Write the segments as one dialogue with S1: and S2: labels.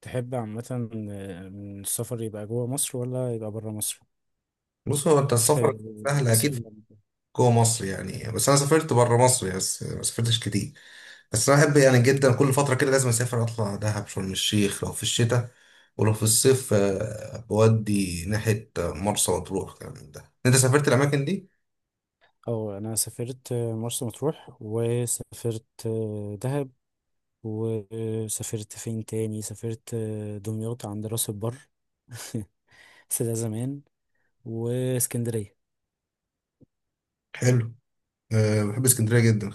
S1: تحب عامة، من السفر يبقى جوه مصر ولا يبقى بره مصر؟
S2: بص هو انت السفر
S1: في
S2: سهل
S1: مصيف
S2: اكيد.
S1: يعني.
S2: جوه مصر يعني، بس انا سافرت بره مصر يعني، بس ما سافرتش كتير. بس انا بحب يعني جدا كل فتره كده لازم اسافر اطلع دهب شرم الشيخ لو في الشتاء، ولو في الصيف بودي ناحيه مرسى مطروح كلام من ده. انت سافرت الاماكن دي؟
S1: أو أنا سافرت مرسى مطروح، وسافرت دهب، وسافرت فين تاني؟ سافرت دمياط عند راس البر بس ده زمان. واسكندرية،
S2: حلو. أه بحب اسكندريه جدا.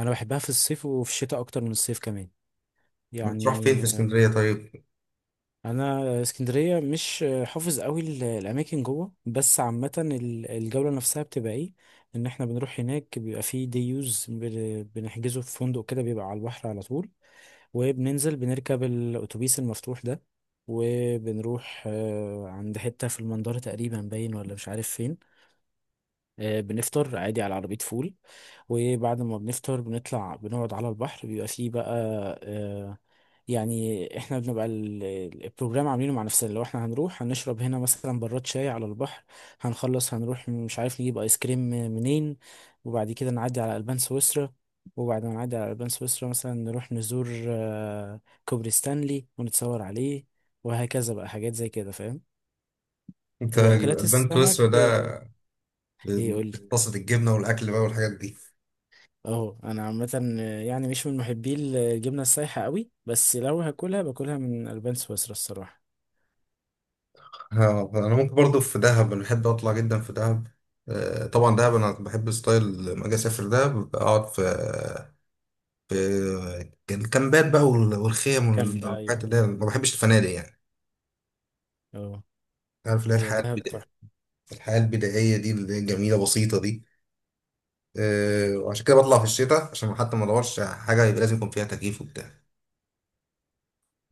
S1: أنا بحبها في الصيف وفي الشتاء أكتر من الصيف كمان
S2: بتروح فين
S1: يعني.
S2: في اسكندريه طيب؟
S1: انا اسكندريه مش حافظ قوي الاماكن جوه، بس عامه الجوله نفسها بتبقى ايه؟ ان احنا بنروح هناك بيبقى فيه دي يوز بنحجزه في فندق كده بيبقى على البحر على طول، وبننزل بنركب الاتوبيس المفتوح ده، وبنروح عند حته في المنظره تقريبا باين ولا مش عارف فين. بنفطر عادي على عربيه فول، وبعد ما بنفطر بنطلع بنقعد على البحر بيبقى فيه بقى. آه، يعني احنا بنبقى البروجرام عاملينه مع نفسنا. لو احنا هنروح هنشرب هنا مثلا براد شاي على البحر، هنخلص هنروح مش عارف نجيب ايس كريم منين، وبعد كده نعدي على البان سويسرا، وبعد ما نعدي على البان سويسرا مثلا نروح نزور كوبري ستانلي ونتصور عليه، وهكذا بقى حاجات زي كده فاهم.
S2: انت
S1: واكلات
S2: البان سويسرا
S1: السمك
S2: ده،
S1: ايه قول لي.
S2: بتقصد الجبنه والاكل بقى والحاجات دي؟
S1: اهو انا عامه يعني مش من محبي الجبنه السايحه قوي، بس لو هاكلها باكلها من البان سويسرا الصراحه.
S2: ها، انا ممكن برضو في دهب، انا بحب اطلع جدا في دهب. طبعا دهب انا بحب ستايل، لما اجي اسافر دهب اقعد في الكامبات بقى والخيم
S1: كم بقى؟
S2: والحاجات، اللي هي ما بحبش الفنادق يعني.
S1: ايوه.
S2: عارف اللي هي
S1: هي
S2: الحياه
S1: دهب
S2: البدائيه،
S1: تحفة.
S2: الحياه البدائيه دي اللي هي جميله بسيطه دي.
S1: هي
S2: وعشان كده بطلع في الشتاء، عشان حتى ما ادورش على حاجه يبقى لازم يكون فيها تكييف وبتاع.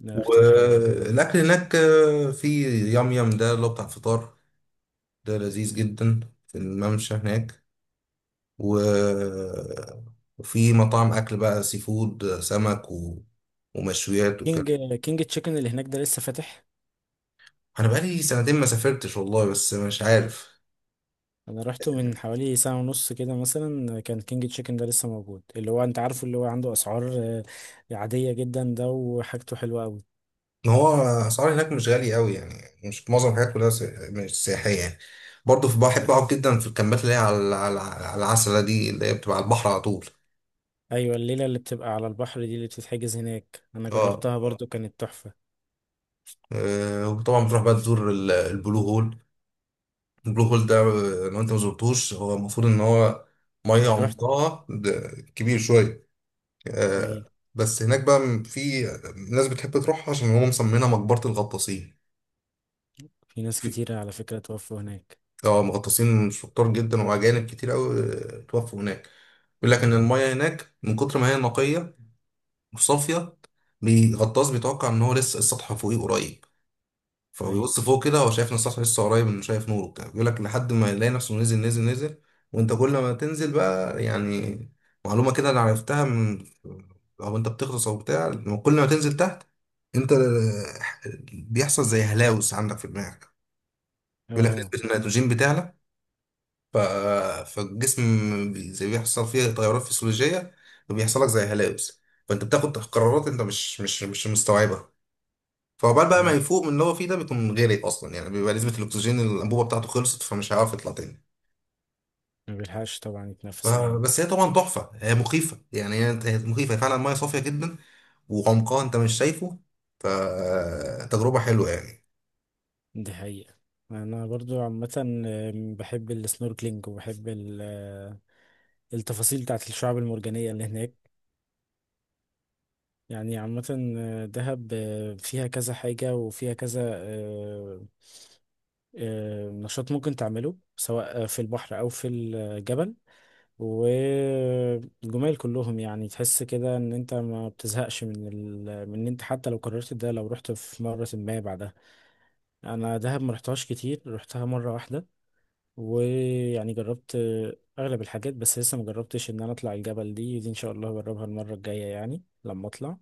S1: ده اختيار حلو ده.
S2: والاكل هناك في يام يام ده اللي هو بتاع الفطار، ده لذيذ جدا، في الممشى هناك. و... وفي مطاعم اكل بقى سي فود سمك ومشويات
S1: كينج
S2: وكده.
S1: كينج تشيكن اللي هناك ده لسه فاتح؟
S2: انا بقالي سنتين ما سافرتش والله، بس مش عارف.
S1: انا رحته من حوالي ساعة ونص كده، مثلا كان كينج تشيكن ده لسه موجود، اللي هو انت عارفه اللي هو عنده اسعار عادية جدا، ده وحاجته حلوة قوي.
S2: ما هو اسعار هناك مش غالي قوي يعني، مش معظم الحاجات كلها مش سياحيه يعني. برضه في، بحب اقعد جدا في الكامبات اللي هي على العسله دي، اللي هي بتبقى على البحر على طول.
S1: ايوه، الليلة اللي بتبقى على البحر دي اللي بتتحجز هناك انا
S2: اه.
S1: جربتها برضو، كانت تحفة.
S2: وطبعا بتروح بقى تزور البلو هول. البلو هول ده لو انت ما زرتوش، هو المفروض ان هو ميه
S1: رحت.
S2: عمقها ده، كبير شويه.
S1: ايوه.
S2: آه، بس هناك بقى في ناس بتحب تروحها عشان هو مسمينها مقبرة الغطاسين.
S1: في ناس
S2: في
S1: كتيرة على فكرة توفوا هناك.
S2: اه مغطاسين شطار جدا وأجانب كتير أوي توفوا هناك. بيقول لك إن المية هناك من كتر ما هي نقية وصافية. الغطاس بيتوقع إن هو لسه السطح فوقيه قريب.
S1: ايوه.
S2: فبيبص فوق كده هو شايف ان السطح لسه قريب، انه شايف نوره كده، بيقول لك لحد ما يلاقي نفسه نزل نزل نزل. وانت كل ما تنزل بقى يعني، معلومة كده انا عرفتها من، او انت بتغطس او بتاع، لما كل ما تنزل تحت انت بيحصل زي هلاوس عندك في دماغك. بيقول لك
S1: اه.
S2: نسبة النيتروجين بتعلى ف... فالجسم، زي بيحصل فيه تغيرات فسيولوجية وبيحصل لك زي هلاوس. فانت بتاخد قرارات انت مش مستوعبها. فعقبال بقى ما
S1: مم.
S2: يفوق من اللي هو فيه ده، بيكون غرق اصلا يعني، بيبقى نسبه الاكسجين اللي الانبوبه بتاعته خلصت فمش هيعرف يطلع تاني.
S1: ما بيلحقش طبعا
S2: ف-
S1: يتنفس، ايوه.
S2: بس هي طبعا تحفه، هي مخيفه يعني، هي مخيفه، هي فعلا ميه صافيه جدا وعمقها انت مش شايفه. فتجربه حلوه يعني.
S1: دي حقيقة. أنا برضو عامة بحب السنوركلينج وبحب التفاصيل بتاعت الشعاب المرجانية اللي هناك. يعني عامة دهب فيها كذا حاجة وفيها كذا، نشاط ممكن تعمله سواء في البحر أو في الجبل. والجمال كلهم، يعني تحس كده إن أنت ما بتزهقش من إن أنت، حتى لو قررت ده لو رحت في مرة ما بعدها. أنا دهب ما رحتهاش كتير، رحتها مرة واحدة، ويعني جربت اغلب الحاجات. بس لسه ما جربتش ان انا اطلع الجبل دي، دي ان شاء الله هجربها المره الجايه يعني لما اطلع.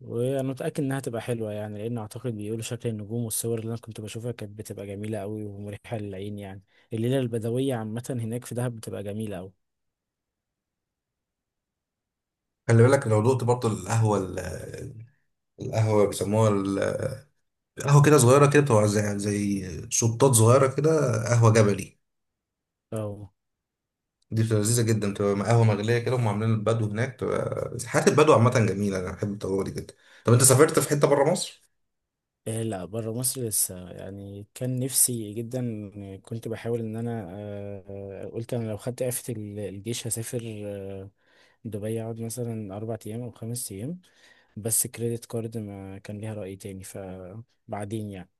S1: وانا متاكد انها تبقى حلوه، يعني لان اعتقد بيقولوا شكل النجوم والصور اللي انا كنت بشوفها كانت بتبقى جميله قوي ومريحه للعين يعني. الليله البدويه عامه هناك في دهب بتبقى جميله قوي.
S2: خلي بالك لو دقت برضه القهوه القهوه بيسموها قهوه كده صغيره كده بتبقى زي شطات صغيره كده، قهوه جبلي.
S1: اه.
S2: دي بتبقى لذيذه جدا، بتبقى قهوه مغليه كده، هم عاملين البدو هناك، بتبقى حياه البدو عامه جميله، انا بحب التجربه دي جدا. طب انت سافرت في حته بره مصر؟
S1: إيه، لا، بره مصر لسه، يعني كان نفسي جدا. كنت بحاول ان انا، قلت انا لو خدت اعفة الجيش هسافر آه، دبي، اقعد مثلا 4 ايام او 5 ايام. بس كريدت كارد ما كان ليها رأي تاني فبعدين يعني.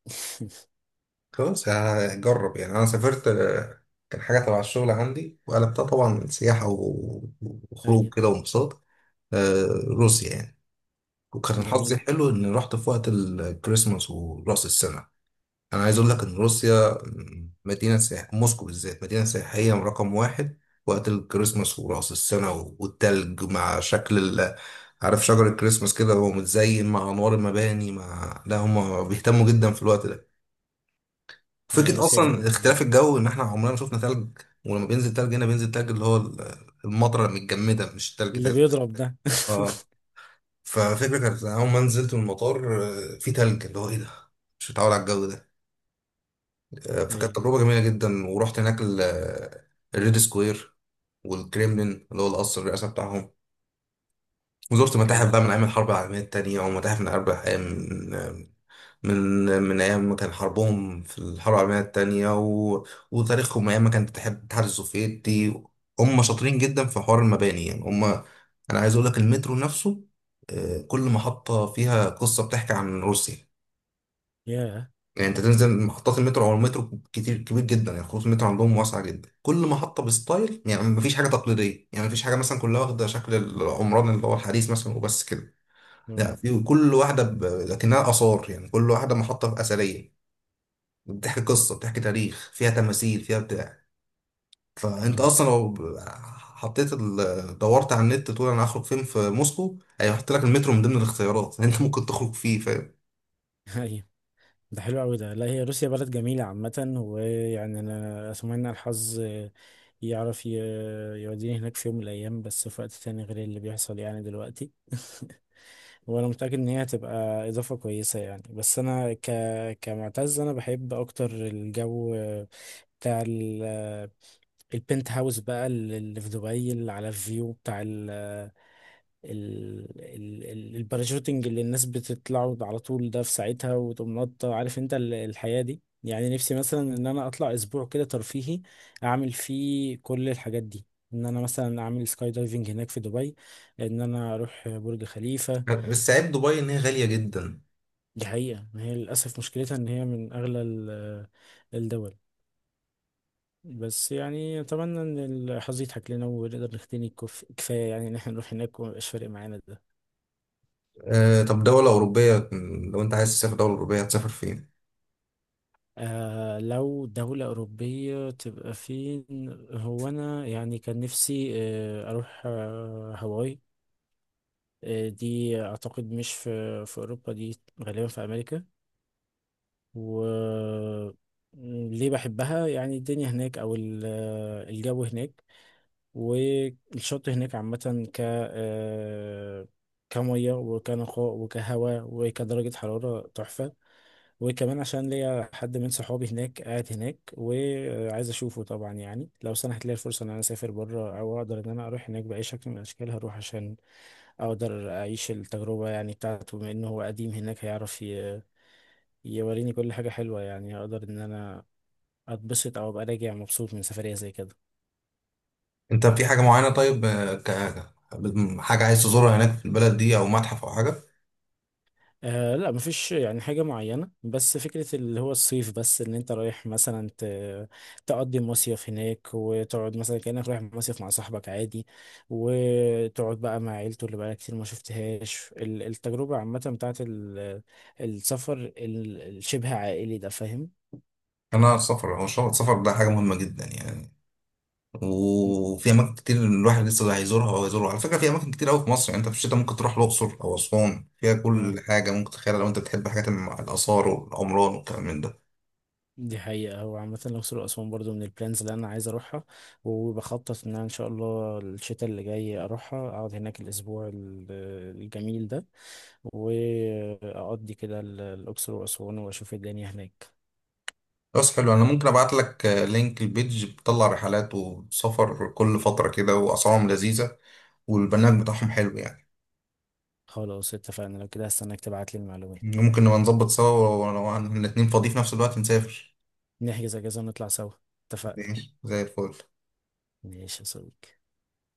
S2: خلاص هجرب يعني. انا سافرت كان حاجه تبع الشغل عندي وقلبتها طبعا سياحه
S1: أيوة.
S2: وخروج كده وانبساط، روسيا يعني. وكان حظي
S1: جميل.
S2: حلو اني رحت في وقت الكريسماس وراس السنه. انا عايز اقول لك ان روسيا مدينه سياح، موسكو بالذات مدينه سياحيه رقم واحد. وقت الكريسماس وراس السنه والتلج مع شكل عارف شجر الكريسماس كده هو متزين مع انوار المباني، مع لا هم بيهتموا جدا في الوقت ده.
S1: يا
S2: فكرة
S1: روسيا جميلة
S2: أصلا
S1: عموماً.
S2: اختلاف الجو، إن إحنا عمرنا ما شفنا تلج. ولما بينزل تلج هنا، بينزل تلج اللي هو المطرة المتجمدة، مش تلج
S1: اللي
S2: تلج.
S1: بيضرب ده.
S2: اه. ففكرة كانت أول ما نزلت من المطار في تلج، اللي هو إيه ده، مش متعود على الجو ده. فكانت
S1: أيوة.
S2: تجربة جميلة جدا. ورحت هناك الريد سكوير، والكريملين اللي هو القصر الرئاسة بتاعهم. وزرت
S1: ده حلو
S2: متاحف
S1: آه.
S2: بقى من أيام الحرب العالمية التانية، ومتاحف من 4 أيام. من من ايام ما كان حربهم في الحرب العالميه الثانيه وتاريخهم ايام ما كان الاتحاد السوفيتي. هم شاطرين جدا في حوار المباني يعني. هم، انا عايز اقول لك المترو نفسه كل محطه فيها قصه بتحكي عن روسيا.
S1: يا.
S2: يعني انت تنزل محطات المترو، او المترو كتير كبير جدا يعني، خطوط المترو عندهم واسعه جدا، كل محطه بستايل يعني، مفيش حاجه تقليديه يعني، مفيش حاجه مثلا كلها واخده شكل العمران اللي هو الحديث مثلا وبس كده.
S1: اه.
S2: لا، في كل واحده لكنها اثار يعني، كل واحده محطه اثريه، بتحكي قصة، بتحكي تاريخ، فيها تماثيل، فيها بتاع. فانت
S1: آه.
S2: اصلا لو حطيت ال... دورت على النت تقول انا هخرج فين في موسكو، هيحط لك المترو من ضمن الاختيارات اللي انت ممكن تخرج فيه، فاهم؟
S1: أيوة. ده حلو أوي ده. لا، هي روسيا بلد جميلة عامة، ويعني أنا أتمنى الحظ يعرف يوديني هناك في يوم من الأيام، بس في وقت تاني غير اللي بيحصل يعني دلوقتي. وانا متاكد ان هي هتبقى اضافه كويسه يعني، بس انا كمعتز انا بحب اكتر الجو بتاع البنت هاوس بقى اللي في دبي، اللي على الفيو بتاع الباراشوتنج، اللي الناس بتطلعوا على طول ده في ساعتها وتقوم نطة، عارف انت الحياه دي. يعني نفسي مثلا ان انا اطلع اسبوع كده ترفيهي، اعمل فيه كل الحاجات دي. ان انا مثلا اعمل سكاي دايفنج هناك في دبي، ان انا اروح برج خليفة.
S2: بس عيب دبي ان هي غالية جدا.
S1: دي حقيقة، ما هي للأسف مشكلتها إن هي من أغلى الدول. بس يعني أتمنى إن الحظ يضحك لنا ونقدر نغتني كفاية، يعني إن إحنا نروح هناك وميبقاش فارق معانا ده.
S2: طب دولة أوروبية، لو انت عايز تسافر دولة أوروبية هتسافر فين؟
S1: لو دولة أوروبية تبقى فين؟ هو أنا يعني كان نفسي أروح هاواي. دي أعتقد مش في أوروبا، دي غالبا في أمريكا. و، ليه بحبها؟ يعني الدنيا هناك أو الجو هناك والشط هناك عامة، ك آه، كمية وكنقاء وكهواء وكدرجة حرارة تحفة. وكمان عشان ليا حد من صحابي هناك قاعد هناك وعايز أشوفه، طبعا يعني لو سنحت لي الفرصة إن أنا أسافر بره أو أقدر إن أنا أروح هناك بأي شكل من الأشكال هروح، عشان أقدر أعيش التجربة يعني بتاعته، بما إنه هو قديم هناك هيعرف يوريني كل حاجة حلوة، يعني هقدر إن أنا أتبسط أو أبقى راجع مبسوط من سفرية زي كده.
S2: انت في حاجة معينة طيب، حاجة عايز تزورها هناك في البلد دي، او متحف او حاجة؟
S1: آه لا، مفيش يعني حاجة معينة، بس فكرة اللي هو الصيف، بس ان انت رايح مثلا تقضي مصيف هناك وتقعد مثلا كأنك رايح مصيف مع صاحبك عادي، وتقعد بقى مع عيلته اللي بقى كتير ما شفتهاش، التجربة عامة بتاعت السفر الشبه عائلي ده فاهم.
S2: انا السفر هو السفر ده حاجة مهمة جدا يعني. وفي اماكن كتير الواحد لسه هيزورها، او هيزورها على فكره. في اماكن كتير قوي في مصر يعني، انت في الشتاء ممكن تروح الاقصر او اسوان، فيها
S1: اه،
S2: كل حاجه ممكن تتخيلها لو انت بتحب حاجات الاثار والعمران والكلام من ده.
S1: دي حقيقة. هو عامة الأقصر وأسوان برضو من البلانز اللي أنا عايز أروحها، وبخطط إن أنا إن شاء الله الشتاء اللي جاي أروحها أقعد هناك الأسبوع الجميل ده، واقضي كده الاقصر واسوان واشوف الدنيا هناك.
S2: بس حلو، انا ممكن ابعت لك لينك البيج بتطلع رحلات وسفر كل فتره كده، واسعارهم لذيذه، والبرنامج بتاعهم حلو يعني.
S1: خلاص اتفقنا، لو كده هستناك تبعت لي المعلومات.
S2: ممكن نبقى نظبط سوا، ولو احنا الاتنين فاضيين في نفس الوقت نسافر.
S1: نحجز اجازة ونطلع سوا. اتفقنا.
S2: ماشي زي الفل.
S1: ماشي يا صديقي.